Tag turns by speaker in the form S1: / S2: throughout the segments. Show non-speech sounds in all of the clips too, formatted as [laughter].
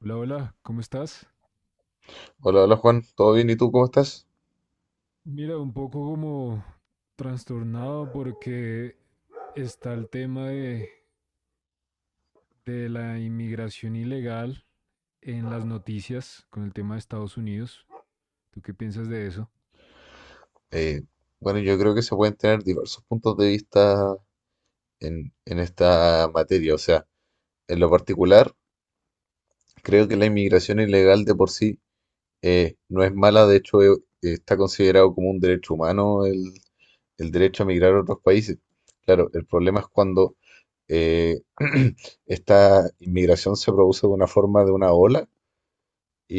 S1: Hola, hola, ¿cómo estás?
S2: Hola, hola Juan, ¿todo bien? ¿Y tú cómo estás?
S1: Mira, un poco como trastornado porque está el tema de la inmigración ilegal en las noticias con el tema de Estados Unidos. ¿Tú qué piensas de eso?
S2: Eh, bueno, yo creo que se pueden tener diversos puntos de vista en esta materia. O sea, en lo particular, creo que la inmigración ilegal de por sí no es mala. De hecho, está considerado como un derecho humano el derecho a migrar a otros países. Claro, el problema es cuando eh, [clears throat] esta inmigración se produce de una forma, de una ola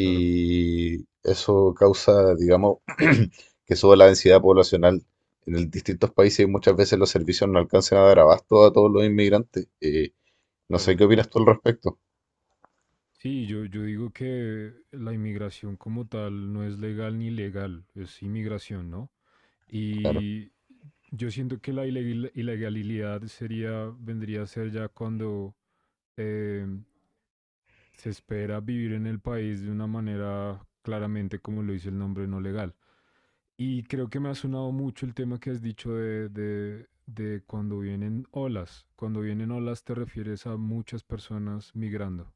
S1: Claro,
S2: eso causa, digamos, [clears throat] que suba la densidad poblacional. Distintos países y muchas veces los servicios no alcanzan a dar abasto a todos los inmigrantes. No sé
S1: claro.
S2: qué opinas tú al respecto.
S1: Sí, yo digo que la inmigración como tal no es legal ni ilegal, es inmigración, ¿no?
S2: Claro,
S1: Y yo siento que la ilegalidad sería, vendría a ser ya cuando eh, se espera vivir en el país de una manera claramente, como lo dice el nombre, no legal. Y creo que me ha sonado mucho el tema que has dicho de cuando vienen olas. Cuando vienen olas te refieres a muchas personas migrando.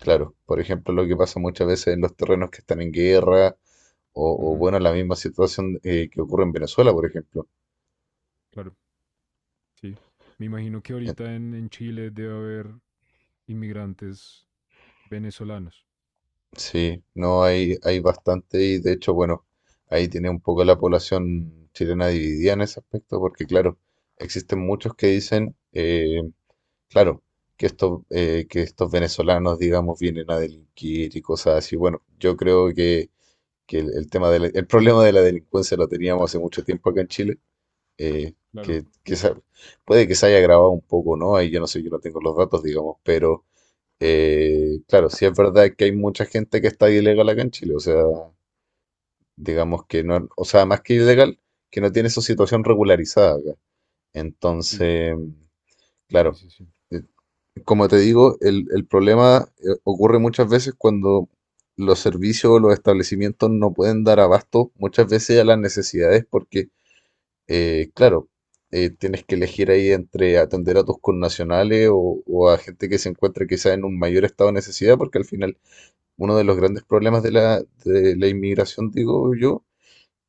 S2: claro. Por ejemplo, lo que pasa muchas veces en los terrenos que están en guerra
S1: Ujú,
S2: bueno, la misma situación que ocurre en Venezuela, por ejemplo.
S1: claro, sí. Me imagino que ahorita en Chile debe haber inmigrantes venezolanos.
S2: Sí, no hay bastante y de hecho, bueno, ahí tiene un poco la población chilena dividida en ese aspecto, porque claro, existen muchos que dicen, claro, que estos venezolanos, digamos, vienen a delinquir y cosas así. Bueno, yo creo que el tema de el problema de la delincuencia lo teníamos hace mucho tiempo acá en Chile, eh,
S1: Claro,
S2: que, que se- puede que se haya agravado un poco, ¿no? Ahí yo no sé, yo no tengo los datos, digamos, pero claro, sí es verdad que hay mucha gente que está ilegal acá en Chile, o sea, digamos que no, o sea, más que ilegal, que no tiene su situación regularizada acá.
S1: sí,
S2: Entonces,
S1: sí,
S2: claro,
S1: sí, sí.
S2: eh, como te digo, el problema ocurre muchas veces cuando los servicios o los establecimientos no pueden dar abasto muchas veces a las necesidades porque, claro, tienes que elegir ahí entre atender a tus connacionales o a gente que se encuentra quizás en un mayor estado de necesidad porque al final uno de los grandes problemas de la inmigración, digo yo,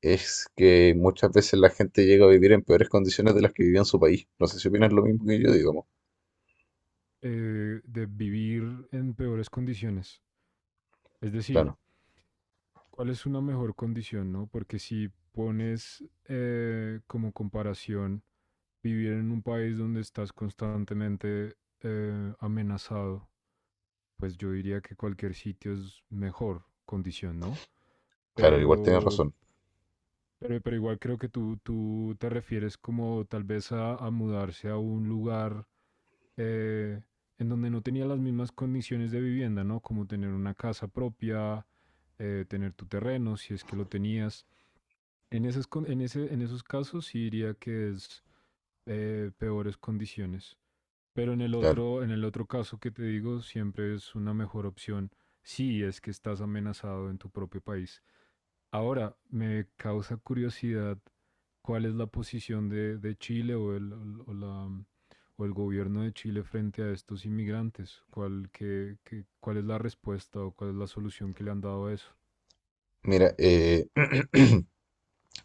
S2: es que muchas veces la gente llega a vivir en peores condiciones de las que vivía en su país. No sé si opinas lo mismo que yo, digamos.
S1: De vivir en peores condiciones. Es decir,
S2: Claro,
S1: ¿cuál es una mejor condición, no? Porque si pones como comparación vivir en un país donde estás constantemente amenazado, pues yo diría que cualquier sitio es mejor condición, ¿no?
S2: claro, igual tienes
S1: Pero,
S2: razón,
S1: pero igual creo que tú te refieres como tal vez a mudarse a un lugar eh, en donde no tenía las mismas condiciones de vivienda, ¿no? Como tener una casa propia, tener tu terreno, si es que lo tenías. En esas, con- en ese, en esos casos sí diría que es peores condiciones. Pero
S2: claro.
S1: en el otro caso que te digo, siempre es una mejor opción si es que estás amenazado en tu propio país. Ahora, me causa curiosidad cuál es la posición de Chile o o la- el gobierno de Chile frente a estos inmigrantes. ¿Cuál, cuál es la respuesta o cuál es la solución que le han dado a eso?
S2: Mira, [clears throat]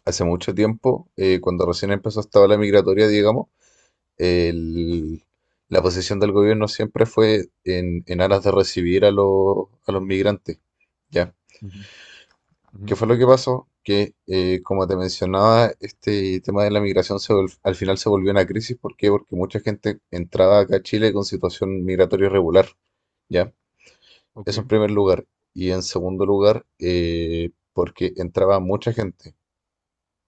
S2: hace mucho tiempo, cuando recién empezó esta ola migratoria, digamos, el- la posición del gobierno siempre fue en aras de recibir a los migrantes, ¿ya?
S1: Ujú, ujú.
S2: ¿Qué fue lo que pasó? Que, como te mencionaba, este tema de la migración al final se volvió una crisis. ¿Por qué? Porque mucha gente entraba acá a Chile con situación migratoria irregular, ¿ya?
S1: Ok,
S2: Eso en primer lugar. Y en segundo lugar, porque entraba mucha gente.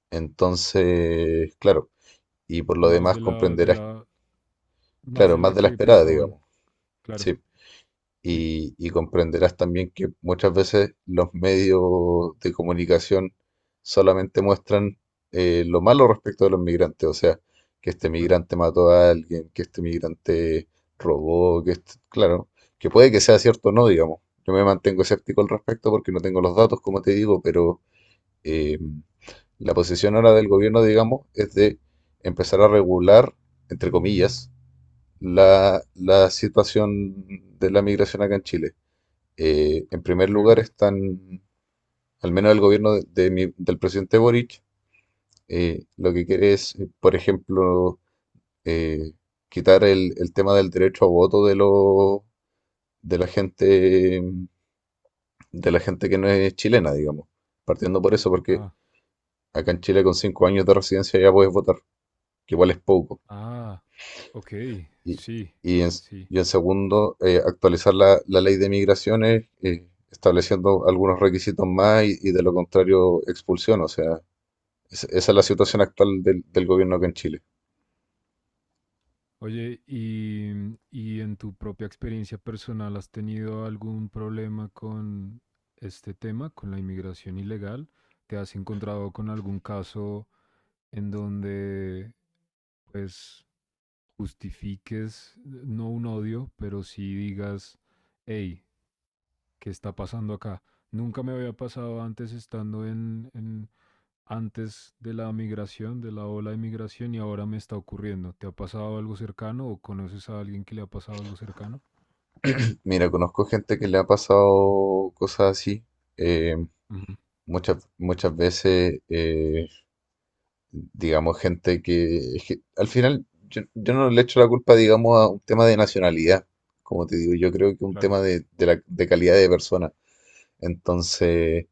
S2: Entonces, claro, y por lo
S1: más
S2: demás
S1: de la, de
S2: comprenderás,
S1: la, más
S2: claro,
S1: de
S2: más
S1: la
S2: de la
S1: que
S2: esperada,
S1: pensaban.
S2: digamos.
S1: Claro,
S2: Sí.
S1: sí,
S2: Y comprenderás también que muchas veces los medios de comunicación solamente muestran lo malo respecto de los migrantes, o sea, que este
S1: claro.
S2: migrante mató a alguien, que este migrante robó, claro, que puede que sea cierto o no, digamos. Yo me mantengo escéptico al respecto porque no tengo los datos, como te digo, pero eh, la posición ahora del gobierno, digamos, es de empezar a regular, entre comillas, la situación de la migración acá en Chile. En primer
S1: Ok.
S2: lugar están, al menos el gobierno del presidente Boric, lo que quiere es, por ejemplo, eh, quitar el tema del derecho a voto de la gente, de la gente que no es chilena, digamos. Partiendo por eso, porque
S1: Ah,
S2: acá en Chile con 5 años de residencia ya puedes votar, que igual es poco.
S1: ah, ok,
S2: Y,
S1: sí,
S2: y en,
S1: sí.
S2: y en segundo, actualizar la ley de migraciones, estableciendo algunos requisitos más y de lo contrario expulsión, o sea. Esa es la situación actual del gobierno acá en Chile.
S1: Oye, y en tu propia experiencia personal, ¿has tenido algún problema con este tema, con la inmigración ilegal? ¿Te has encontrado con algún caso en donde, pues, justifiques, no un odio, pero sí digas, hey, ¿qué está pasando acá? Nunca me había pasado antes estando antes de la migración, de la ola de migración, y ahora me está ocurriendo. ¿Te ha pasado algo cercano o conoces a alguien que le ha pasado algo cercano?
S2: Mira, conozco gente que le ha pasado cosas así. eh,
S1: Ujú,
S2: muchas veces, digamos, gente que, es que al final yo no le echo la culpa, digamos, a un tema de nacionalidad. Como te digo, yo creo que un
S1: claro,
S2: tema de calidad de persona. Entonces,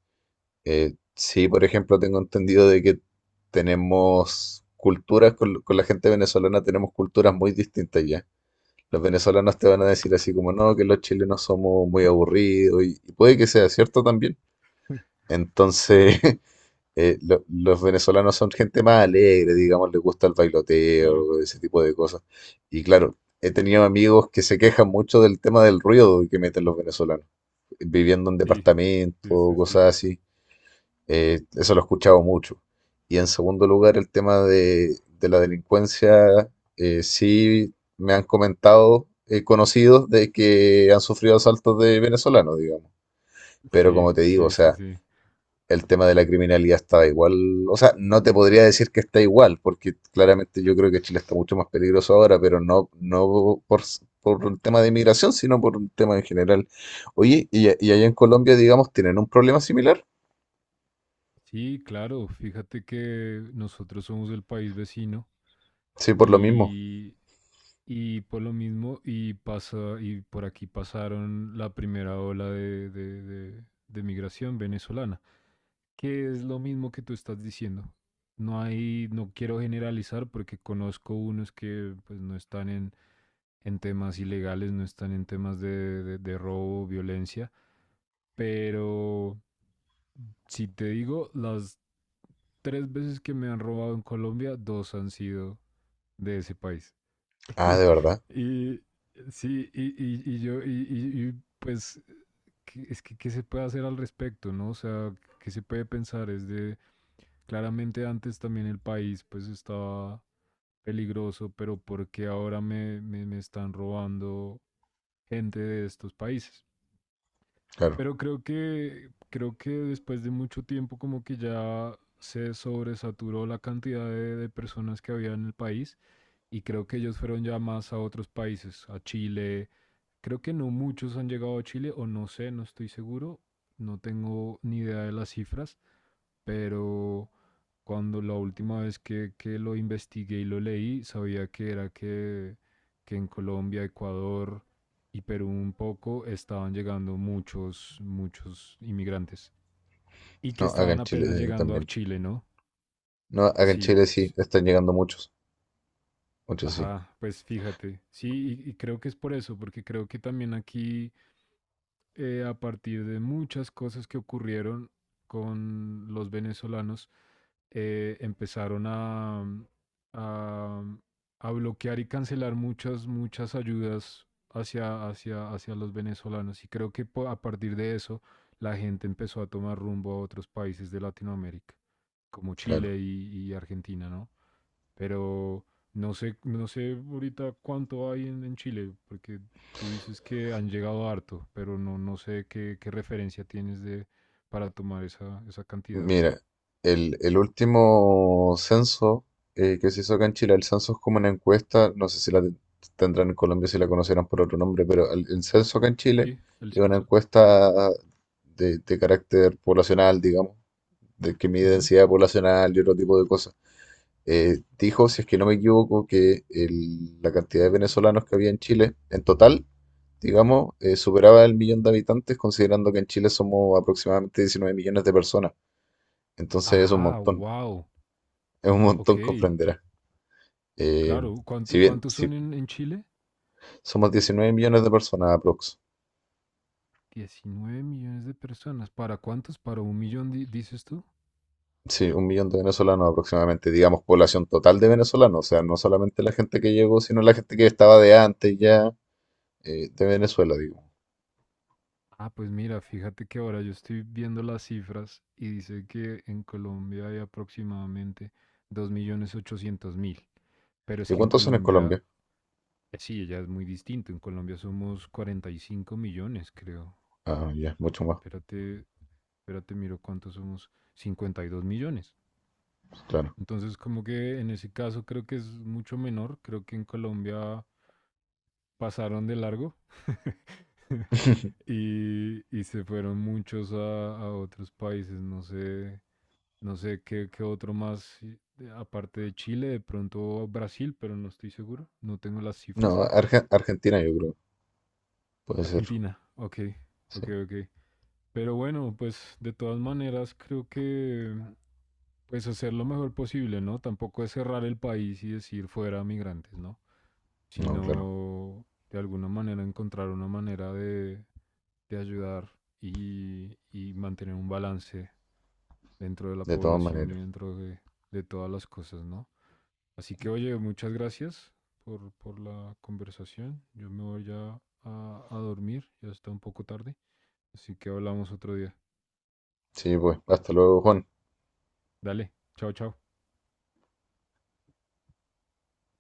S2: sí, por ejemplo, tengo entendido de que tenemos culturas, con la gente venezolana tenemos culturas muy distintas ya. Los venezolanos te van a decir así como, no, que los chilenos somos muy aburridos y puede que sea cierto también. Entonces, [laughs] los venezolanos son gente más alegre, digamos, les gusta el
S1: claro.
S2: bailoteo, ese tipo de cosas. Y claro, he tenido amigos que se quejan mucho del tema del ruido que meten los venezolanos, viviendo en
S1: Sí,
S2: departamentos,
S1: sí, sí,
S2: cosas
S1: sí.
S2: así. Eso lo he escuchado mucho. Y en segundo lugar, el tema de la delincuencia, sí me han comentado conocidos de que han sufrido asaltos de venezolanos, digamos. Pero
S1: Sí,
S2: como te digo, o
S1: sí, sí,
S2: sea,
S1: sí.
S2: el tema de la criminalidad está igual, o sea, no te podría decir que está igual, porque claramente yo creo que Chile está mucho más peligroso ahora, pero no, no por un tema de inmigración, sino por un tema en general. Oye, y allá en Colombia, digamos, tienen un problema similar.
S1: Sí, claro. Fíjate que nosotros somos del país vecino.
S2: Sí, por lo mismo.
S1: Y, y por lo mismo, y por aquí pasaron la primera ola de migración venezolana, que es lo mismo que tú estás diciendo. No hay, no quiero generalizar porque conozco unos que pues no están en temas ilegales, no están en temas de robo, violencia, pero si te digo, las tres veces que me han robado en Colombia, dos han sido de ese país.
S2: Ah, ¿de verdad?
S1: Y sí, y yo, y, pues, ¿qué se puede hacer al respecto, no? O sea, ¿qué se puede pensar? Es de, claramente antes también el país, pues, estaba peligroso, pero ¿por qué ahora me están robando gente de estos países?
S2: Claro.
S1: Pero creo que después de mucho tiempo como que ya se sobresaturó la cantidad de personas que había en el país y creo que ellos fueron ya más a otros países, a Chile. Creo que no muchos han llegado a Chile o no sé, no estoy seguro, no tengo ni idea de las cifras, pero cuando la última vez que lo investigué y lo leí, sabía que era que en Colombia, Ecuador y Perú un poco estaban llegando muchos, muchos inmigrantes. Y que
S2: No, acá
S1: estaban
S2: en Chile
S1: apenas llegando a
S2: también.
S1: Chile, ¿no?
S2: No, acá en
S1: Sí.
S2: Chile sí, están llegando muchos. Muchos sí,
S1: Ajá, pues fíjate. Sí, y creo que es por eso, porque creo que también aquí a partir de muchas cosas que ocurrieron con los venezolanos, empezaron a, mm, a bloquear y cancelar muchas, muchas ayudas hacia los venezolanos. Y creo que a partir de eso la gente empezó a tomar rumbo a otros países de Latinoamérica, como
S2: claro.
S1: Chile y Argentina, ¿no? Pero no sé, no sé ahorita cuánto hay en Chile, porque tú dices que han llegado harto, pero no, no sé qué referencia tienes de para tomar esa cantidad.
S2: Mira, el último censo que se hizo acá en Chile, el censo es como una encuesta, no sé si la tendrán en Colombia, si la conocerán por otro nombre, pero el censo acá en Chile
S1: Sí, el
S2: es una
S1: censo, sí.
S2: encuesta de carácter poblacional, digamos, de que mide
S1: Ujú.
S2: densidad poblacional y otro tipo de cosas. Dijo, si es que no me equivoco, que la cantidad de venezolanos que había en Chile en total, digamos, superaba el millón de habitantes, considerando que en Chile somos aproximadamente 19 millones de personas. Entonces
S1: Ajá, wow.
S2: es un
S1: Ok,
S2: montón, comprenderás. Eh,
S1: claro.
S2: si bien
S1: ¿Cuántos son
S2: si
S1: en Chile?
S2: somos 19 millones de personas aprox.
S1: 19 millones de personas. ¿Para cuántos? ¿Para un millón dices tú?
S2: Sí, 1 millón de venezolanos aproximadamente, digamos, población total de venezolanos, o sea, no solamente la gente que llegó, sino la gente que estaba de antes ya de Venezuela, digo.
S1: Ah, pues mira, fíjate que ahora yo estoy viendo las cifras y dice que en Colombia hay aproximadamente 2.800.000. Pero es
S2: ¿Y
S1: que en
S2: cuántos son en
S1: Colombia,
S2: Colombia?
S1: sí, ya es muy distinto. En Colombia somos 45 millones, creo.
S2: Ah, ya, mucho más.
S1: Espérate, espérate, miro cuántos somos. 52 millones.
S2: Claro.
S1: Entonces, como que en ese caso creo que es mucho menor. Creo que en Colombia pasaron de largo [laughs] y se fueron muchos a otros países, no sé, no sé qué, qué otro más, aparte de Chile, de pronto Brasil, pero no estoy seguro, no tengo las cifras.
S2: No, Argentina yo creo. Puede ser.
S1: Argentina, ok,
S2: Sí.
S1: ok, ok. Pero bueno, pues de todas maneras creo que pues hacer lo mejor posible, ¿no? Tampoco es cerrar el país y decir fuera migrantes, ¿no?
S2: No, claro.
S1: Sino de alguna manera encontrar una manera de ayudar y mantener un balance dentro de la
S2: De todas
S1: población y
S2: maneras.
S1: dentro de todas las cosas, ¿no? Así que, oye, muchas gracias por la conversación. Yo me voy ya a dormir, ya está un poco tarde, así que hablamos otro día.
S2: Sí, pues. Hasta luego, Juan.
S1: Dale, chao, chao.